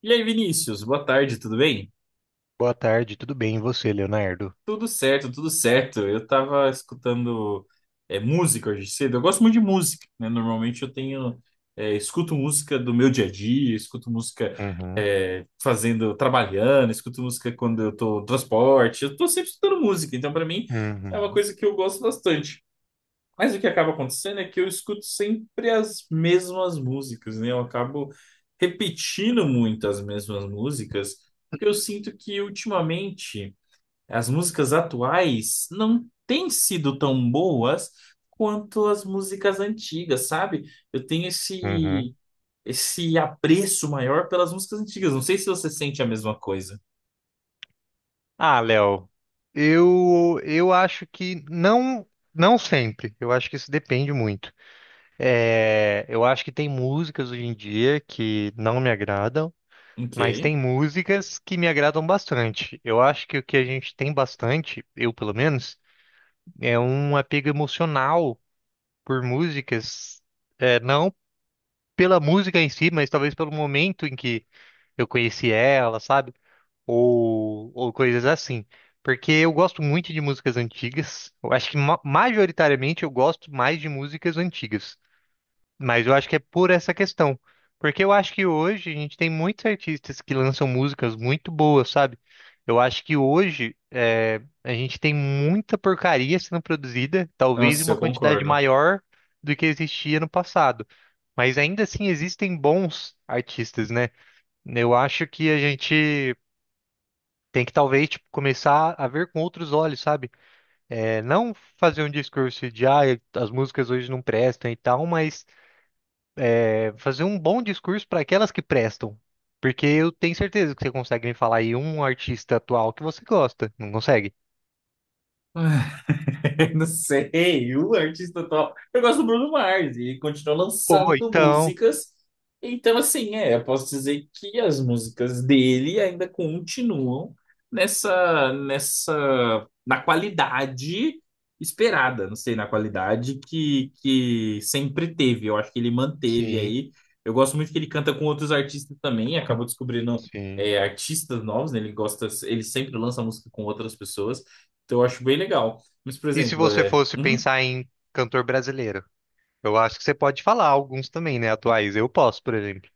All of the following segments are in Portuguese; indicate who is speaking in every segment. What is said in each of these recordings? Speaker 1: E aí, Vinícius, boa tarde, tudo bem?
Speaker 2: Boa tarde, tudo bem? E você, Leonardo?
Speaker 1: Tudo certo, tudo certo. Eu tava escutando música hoje cedo. Eu gosto muito de música, né? Normalmente eu tenho, é, Escuto música do meu dia a dia, escuto música
Speaker 2: Uhum,
Speaker 1: fazendo, trabalhando, escuto música quando eu tô no transporte. Eu tô sempre escutando música, então para mim é uma
Speaker 2: uhum,
Speaker 1: coisa que eu gosto bastante. Mas o que acaba acontecendo é que eu escuto sempre as mesmas músicas, né? Eu acabo repetindo muito as mesmas músicas, porque eu sinto que ultimamente as músicas atuais não têm sido tão boas quanto as músicas antigas, sabe? Eu tenho
Speaker 2: uhum.
Speaker 1: esse apreço maior pelas músicas antigas. Não sei se você sente a mesma coisa.
Speaker 2: Ah, Léo, eu acho que não, não sempre. Eu acho que isso depende muito. É, eu acho que tem músicas hoje em dia que não me agradam,
Speaker 1: Ok.
Speaker 2: mas tem músicas que me agradam bastante. Eu acho que o que a gente tem bastante, eu pelo menos, é um apego emocional por músicas, é, não pela música em si, mas talvez pelo momento em que eu conheci ela, sabe? Ou coisas assim. Porque eu gosto muito de músicas antigas. Eu acho que majoritariamente eu gosto mais de músicas antigas. Mas eu acho que é por essa questão. Porque eu acho que hoje a gente tem muitos artistas que lançam músicas muito boas, sabe? Eu acho que hoje é, a gente tem muita porcaria sendo produzida, talvez em
Speaker 1: Nossa,
Speaker 2: uma
Speaker 1: eu
Speaker 2: quantidade
Speaker 1: concordo.
Speaker 2: maior do que existia no passado. Mas ainda assim existem bons artistas, né? Eu acho que a gente tem que talvez tipo, começar a ver com outros olhos, sabe? É, não fazer um discurso de ah, as músicas hoje não prestam e tal, mas é, fazer um bom discurso para aquelas que prestam. Porque eu tenho certeza que você consegue me falar aí um artista atual que você gosta. Não consegue?
Speaker 1: Ah, Eu não sei, o artista top. Eu gosto do Bruno Mars e ele continua
Speaker 2: Ou
Speaker 1: lançando
Speaker 2: então.
Speaker 1: músicas. Então, assim, eu posso dizer que as músicas dele ainda continuam na qualidade esperada, não sei, na qualidade que sempre teve. Eu acho que ele manteve
Speaker 2: Sim,
Speaker 1: aí. Eu gosto muito que ele canta com outros artistas também, acabou descobrindo
Speaker 2: sim.
Speaker 1: artistas novos, né? Ele gosta, ele sempre lança música com outras pessoas. Então, eu acho bem legal. Mas, por
Speaker 2: E se
Speaker 1: exemplo,
Speaker 2: você fosse
Speaker 1: um
Speaker 2: pensar em cantor brasileiro? Eu acho que você pode falar alguns também, né? Atuais. Eu posso, por exemplo.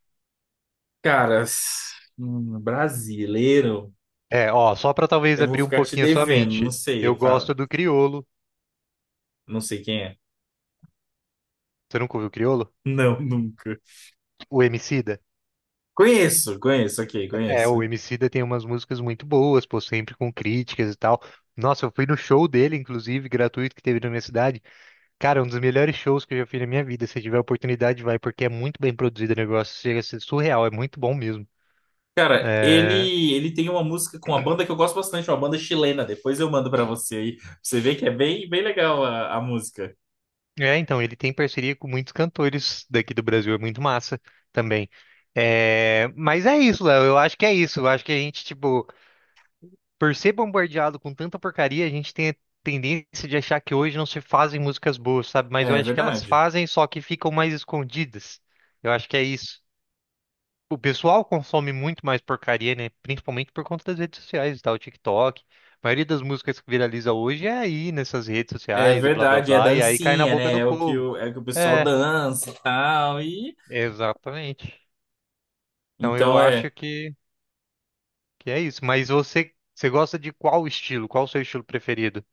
Speaker 1: um brasileiro,
Speaker 2: É, ó, só pra talvez
Speaker 1: eu vou
Speaker 2: abrir um
Speaker 1: ficar te
Speaker 2: pouquinho a sua
Speaker 1: devendo, não
Speaker 2: mente.
Speaker 1: sei,
Speaker 2: Eu
Speaker 1: eu
Speaker 2: gosto do Criolo.
Speaker 1: não sei quem é.
Speaker 2: Você nunca ouviu Criolo?
Speaker 1: Não, nunca.
Speaker 2: O Emicida?
Speaker 1: Conheço, conheço, ok,
Speaker 2: É, o
Speaker 1: conheço.
Speaker 2: Emicida tem umas músicas muito boas, pô, sempre com críticas e tal. Nossa, eu fui no show dele, inclusive, gratuito, que teve na minha cidade. Cara, é um dos melhores shows que eu já fiz na minha vida. Se tiver oportunidade, vai, porque é muito bem produzido o negócio. Chega a ser surreal, é muito bom mesmo.
Speaker 1: Cara,
Speaker 2: É...
Speaker 1: ele tem uma música com uma banda que eu gosto bastante, uma banda chilena. Depois eu mando pra você aí, pra você ver que é bem legal a música.
Speaker 2: então, ele tem parceria com muitos cantores daqui do Brasil, é muito massa também. É, mas é isso, Léo, eu acho que é isso. Eu acho que a gente, tipo. Por ser bombardeado com tanta porcaria, a gente tem a tendência de achar que hoje não se fazem músicas boas, sabe? Mas eu
Speaker 1: É
Speaker 2: acho que elas
Speaker 1: verdade.
Speaker 2: fazem, só que ficam mais escondidas. Eu acho que é isso. O pessoal consome muito mais porcaria, né? Principalmente por conta das redes sociais e tal, TikTok. A maioria das músicas que viraliza hoje é aí nessas redes
Speaker 1: É
Speaker 2: sociais e blá blá
Speaker 1: verdade, é
Speaker 2: blá, e aí cai na
Speaker 1: dancinha,
Speaker 2: boca
Speaker 1: né?
Speaker 2: do
Speaker 1: É o
Speaker 2: povo.
Speaker 1: é o que o pessoal
Speaker 2: É,
Speaker 1: dança e tal e
Speaker 2: exatamente. Então eu
Speaker 1: então é.
Speaker 2: acho que, é isso. Mas você gosta de qual estilo? Qual o seu estilo preferido?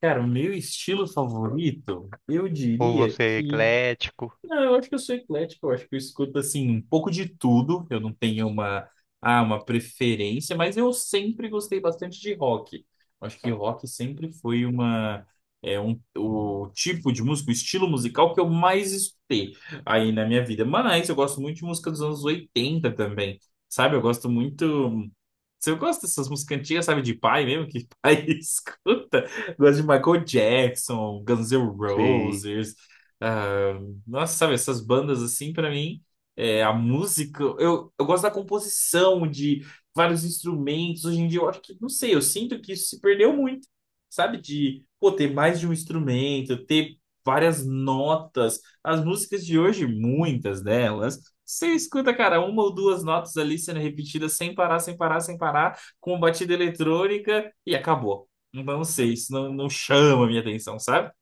Speaker 1: Cara, o meu estilo favorito, eu
Speaker 2: Ou
Speaker 1: diria
Speaker 2: você é
Speaker 1: que
Speaker 2: eclético?
Speaker 1: não, eu acho que eu sou eclético, eu acho que eu escuto assim um pouco de tudo. Eu não tenho uma, ah, Uma preferência, mas eu sempre gostei bastante de rock. Eu acho que rock sempre foi uma é um o tipo de música, o estilo musical que eu mais escutei aí na minha vida. Mas eu gosto muito de música dos anos 80 também. Sabe? Eu gosto muito se Eu gosto dessas músicas antigas, sabe, de pai mesmo, que pai escuta. Gosto de Michael Jackson, Guns N'
Speaker 2: Sei.
Speaker 1: Roses, ah, nossa, sabe, essas bandas assim, pra mim, eu gosto da composição, de vários instrumentos. Hoje em dia, eu acho que, não sei, eu sinto que isso se perdeu muito, sabe? De, pô, ter mais de um instrumento, ter várias notas. As músicas de hoje, muitas delas, você escuta, cara, uma ou duas notas ali sendo repetidas sem parar, sem parar, sem parar, com batida eletrônica e acabou. Então, não sei, não chama a minha atenção, sabe?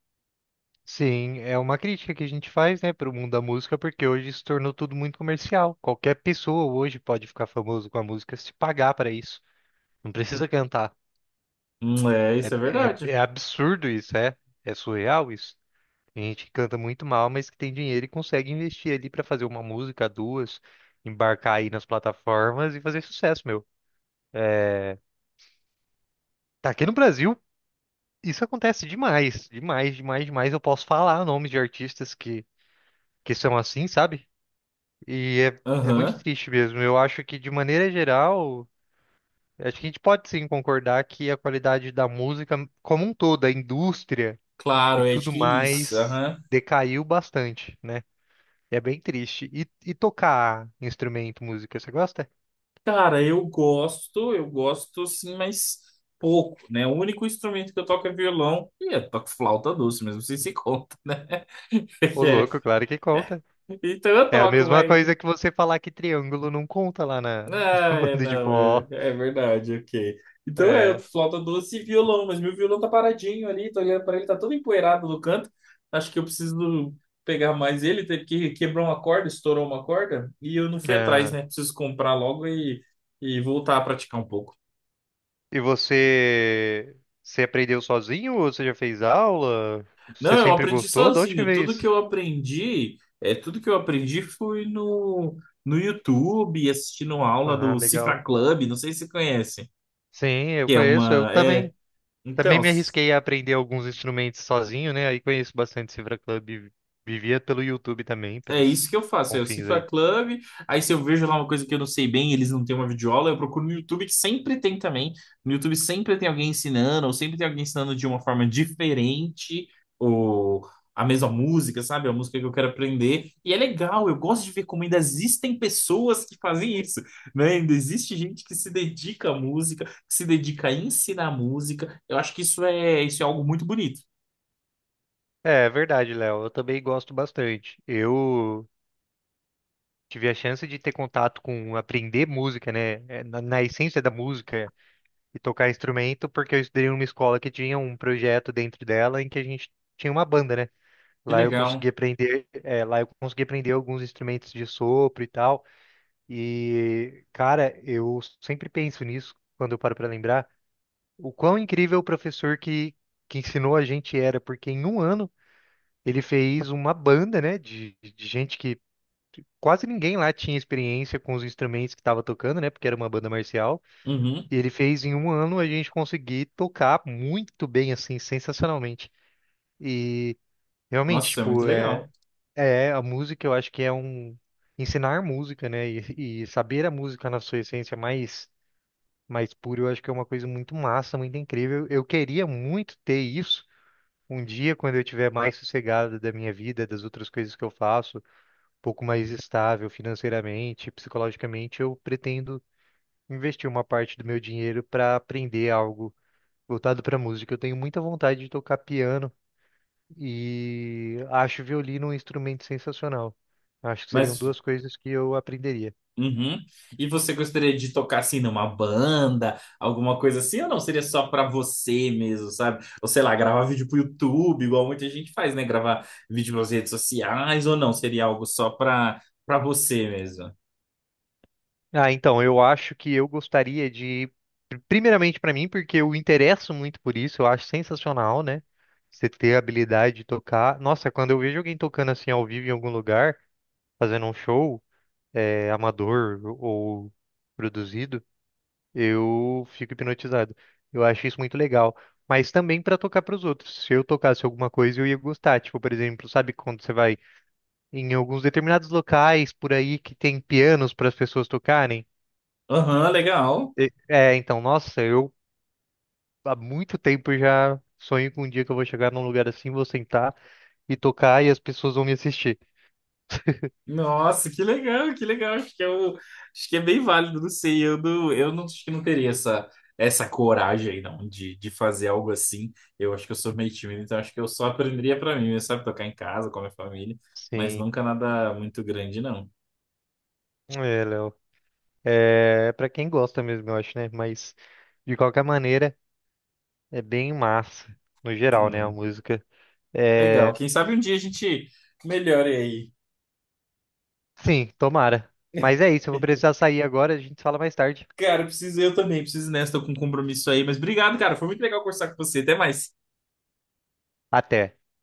Speaker 2: Sim, é uma crítica que a gente faz, né, para o mundo da música, porque hoje se tornou tudo muito comercial. Qualquer pessoa hoje pode ficar famoso com a música se pagar para isso. Não precisa cantar.
Speaker 1: É, isso é
Speaker 2: É,
Speaker 1: verdade.
Speaker 2: é absurdo isso, é? É surreal isso. Tem gente que canta muito mal, mas que tem dinheiro e consegue investir ali para fazer uma música, duas, embarcar aí nas plataformas e fazer sucesso, meu. Tá aqui no Brasil, isso acontece demais, demais, demais, demais. Eu posso falar nomes de artistas que, são assim, sabe? E é muito
Speaker 1: Aham.
Speaker 2: triste mesmo. Eu acho que, de maneira geral, acho que a gente pode sim concordar que a qualidade da música como um todo, a indústria e
Speaker 1: Claro, é
Speaker 2: tudo
Speaker 1: que isso.
Speaker 2: mais,
Speaker 1: Aham.
Speaker 2: decaiu bastante, né? É bem triste. E tocar instrumento, música, você gosta?
Speaker 1: Cara, eu gosto sim, mas pouco, né? O único instrumento que eu toco é violão e eu toco flauta doce, mas não sei se conta.
Speaker 2: Ô,
Speaker 1: É.
Speaker 2: louco, claro que conta.
Speaker 1: Então eu
Speaker 2: É a
Speaker 1: toco,
Speaker 2: mesma
Speaker 1: mas.
Speaker 2: coisa que você falar que triângulo não conta lá na, na
Speaker 1: Ah, é,
Speaker 2: banda de
Speaker 1: não,
Speaker 2: forró.
Speaker 1: é verdade, ok. Então é, eu
Speaker 2: É.
Speaker 1: toco flauta doce e violão, mas meu violão tá paradinho ali, tô olhando pra ele, tá todo empoeirado no canto. Acho que eu preciso pegar mais ele, teve que quebrar uma corda, estourou uma corda e eu não fui atrás, né? Preciso comprar logo e voltar a praticar um pouco.
Speaker 2: E você, aprendeu sozinho ou você já fez aula?
Speaker 1: Não,
Speaker 2: Você
Speaker 1: eu
Speaker 2: sempre
Speaker 1: aprendi
Speaker 2: gostou? De onde que
Speaker 1: sozinho.
Speaker 2: veio isso?
Speaker 1: Tudo que eu aprendi foi no YouTube, assistindo aula
Speaker 2: Ah,
Speaker 1: do
Speaker 2: legal.
Speaker 1: Cifra Club, não sei se você conhece,
Speaker 2: Sim, eu
Speaker 1: que é
Speaker 2: conheço, eu
Speaker 1: uma, é,
Speaker 2: também. Também
Speaker 1: então,
Speaker 2: me arrisquei a aprender alguns instrumentos sozinho, né? Aí conheço bastante Cifra Club, vivia pelo YouTube também,
Speaker 1: é
Speaker 2: pelos
Speaker 1: isso que eu faço. Eu
Speaker 2: confins
Speaker 1: cifro a
Speaker 2: aí.
Speaker 1: club, aí se eu vejo lá uma coisa que eu não sei bem, eles não têm uma videoaula, eu procuro no YouTube, que sempre tem também. No YouTube sempre tem alguém ensinando, ou sempre tem alguém ensinando de uma forma diferente, ou a mesma música, sabe? A música que eu quero aprender. E é legal, eu gosto de ver como ainda existem pessoas que fazem isso, né? Ainda existe gente que se dedica à música, que se dedica a ensinar música. Eu acho que isso é algo muito bonito.
Speaker 2: É, é verdade, Léo, eu também gosto bastante. Eu tive a chance de ter contato com aprender música, né? É, na, essência da música, e tocar instrumento, porque eu estudei numa escola que tinha um projeto dentro dela em que a gente tinha uma banda, né?
Speaker 1: Que
Speaker 2: Lá eu
Speaker 1: legal.
Speaker 2: consegui aprender, é, lá eu consegui aprender alguns instrumentos de sopro e tal. E, cara, eu sempre penso nisso quando eu paro para lembrar o quão incrível o professor que, ensinou a gente era, porque em um ano ele fez uma banda, né, de gente que quase ninguém lá tinha experiência com os instrumentos que estava tocando, né, porque era uma banda marcial.
Speaker 1: Uhum.
Speaker 2: E ele fez em um ano a gente conseguir tocar muito bem, assim, sensacionalmente. E
Speaker 1: Nossa,
Speaker 2: realmente,
Speaker 1: isso é muito
Speaker 2: tipo, é,
Speaker 1: legal.
Speaker 2: é a música, eu acho que é um. Ensinar música, né? E saber a música na sua essência mais pura, eu acho que é uma coisa muito massa, muito incrível. Eu queria muito ter isso um dia, quando eu tiver mais sossegado da minha vida, das outras coisas que eu faço, um pouco mais estável financeiramente, psicologicamente, eu pretendo investir uma parte do meu dinheiro para aprender algo voltado para música. Eu tenho muita vontade de tocar piano e acho violino um instrumento sensacional. Acho que seriam
Speaker 1: Mas
Speaker 2: duas coisas que eu aprenderia.
Speaker 1: uhum. E você gostaria de tocar assim numa banda, alguma coisa assim, ou não? Seria só pra você mesmo, sabe? Ou sei lá, gravar vídeo pro YouTube, igual muita gente faz, né? Gravar vídeo nas redes sociais, ou não? Seria algo só pra, pra você mesmo.
Speaker 2: Ah, então, eu acho que eu gostaria de, primeiramente para mim, porque eu interesso muito por isso, eu acho sensacional, né? Você ter a habilidade de tocar. Nossa, quando eu vejo alguém tocando assim ao vivo em algum lugar, fazendo um show, amador ou produzido, eu fico hipnotizado. Eu acho isso muito legal. Mas também para tocar para os outros. Se eu tocasse alguma coisa, eu ia gostar. Tipo, por exemplo, sabe quando você vai em alguns determinados locais por aí que tem pianos para as pessoas tocarem?
Speaker 1: Aham, legal.
Speaker 2: É, então, nossa, eu há muito tempo já sonho com um dia que eu vou chegar num lugar assim, vou sentar e tocar e as pessoas vão me assistir.
Speaker 1: Nossa, que legal, que legal. Acho acho que é bem válido, não sei. Eu não acho que não teria essa coragem aí, não, de fazer algo assim. Eu acho que eu sou meio tímido, então acho que eu só aprenderia pra mim, sabe? Tocar em casa com a minha família, mas
Speaker 2: Sim,
Speaker 1: nunca nada muito grande, não.
Speaker 2: é, Léo. É para quem gosta mesmo, eu acho, né? Mas de qualquer maneira, é bem massa, no geral, né? A
Speaker 1: Hum,
Speaker 2: música.
Speaker 1: legal.
Speaker 2: É,
Speaker 1: Quem sabe um dia a gente melhore aí.
Speaker 2: sim, tomara. Mas é isso, eu vou precisar sair agora, a gente fala mais tarde.
Speaker 1: Cara, preciso eu também, preciso nessa, tô com um compromisso aí. Mas obrigado, cara. Foi muito legal conversar com você. Até mais.
Speaker 2: Até.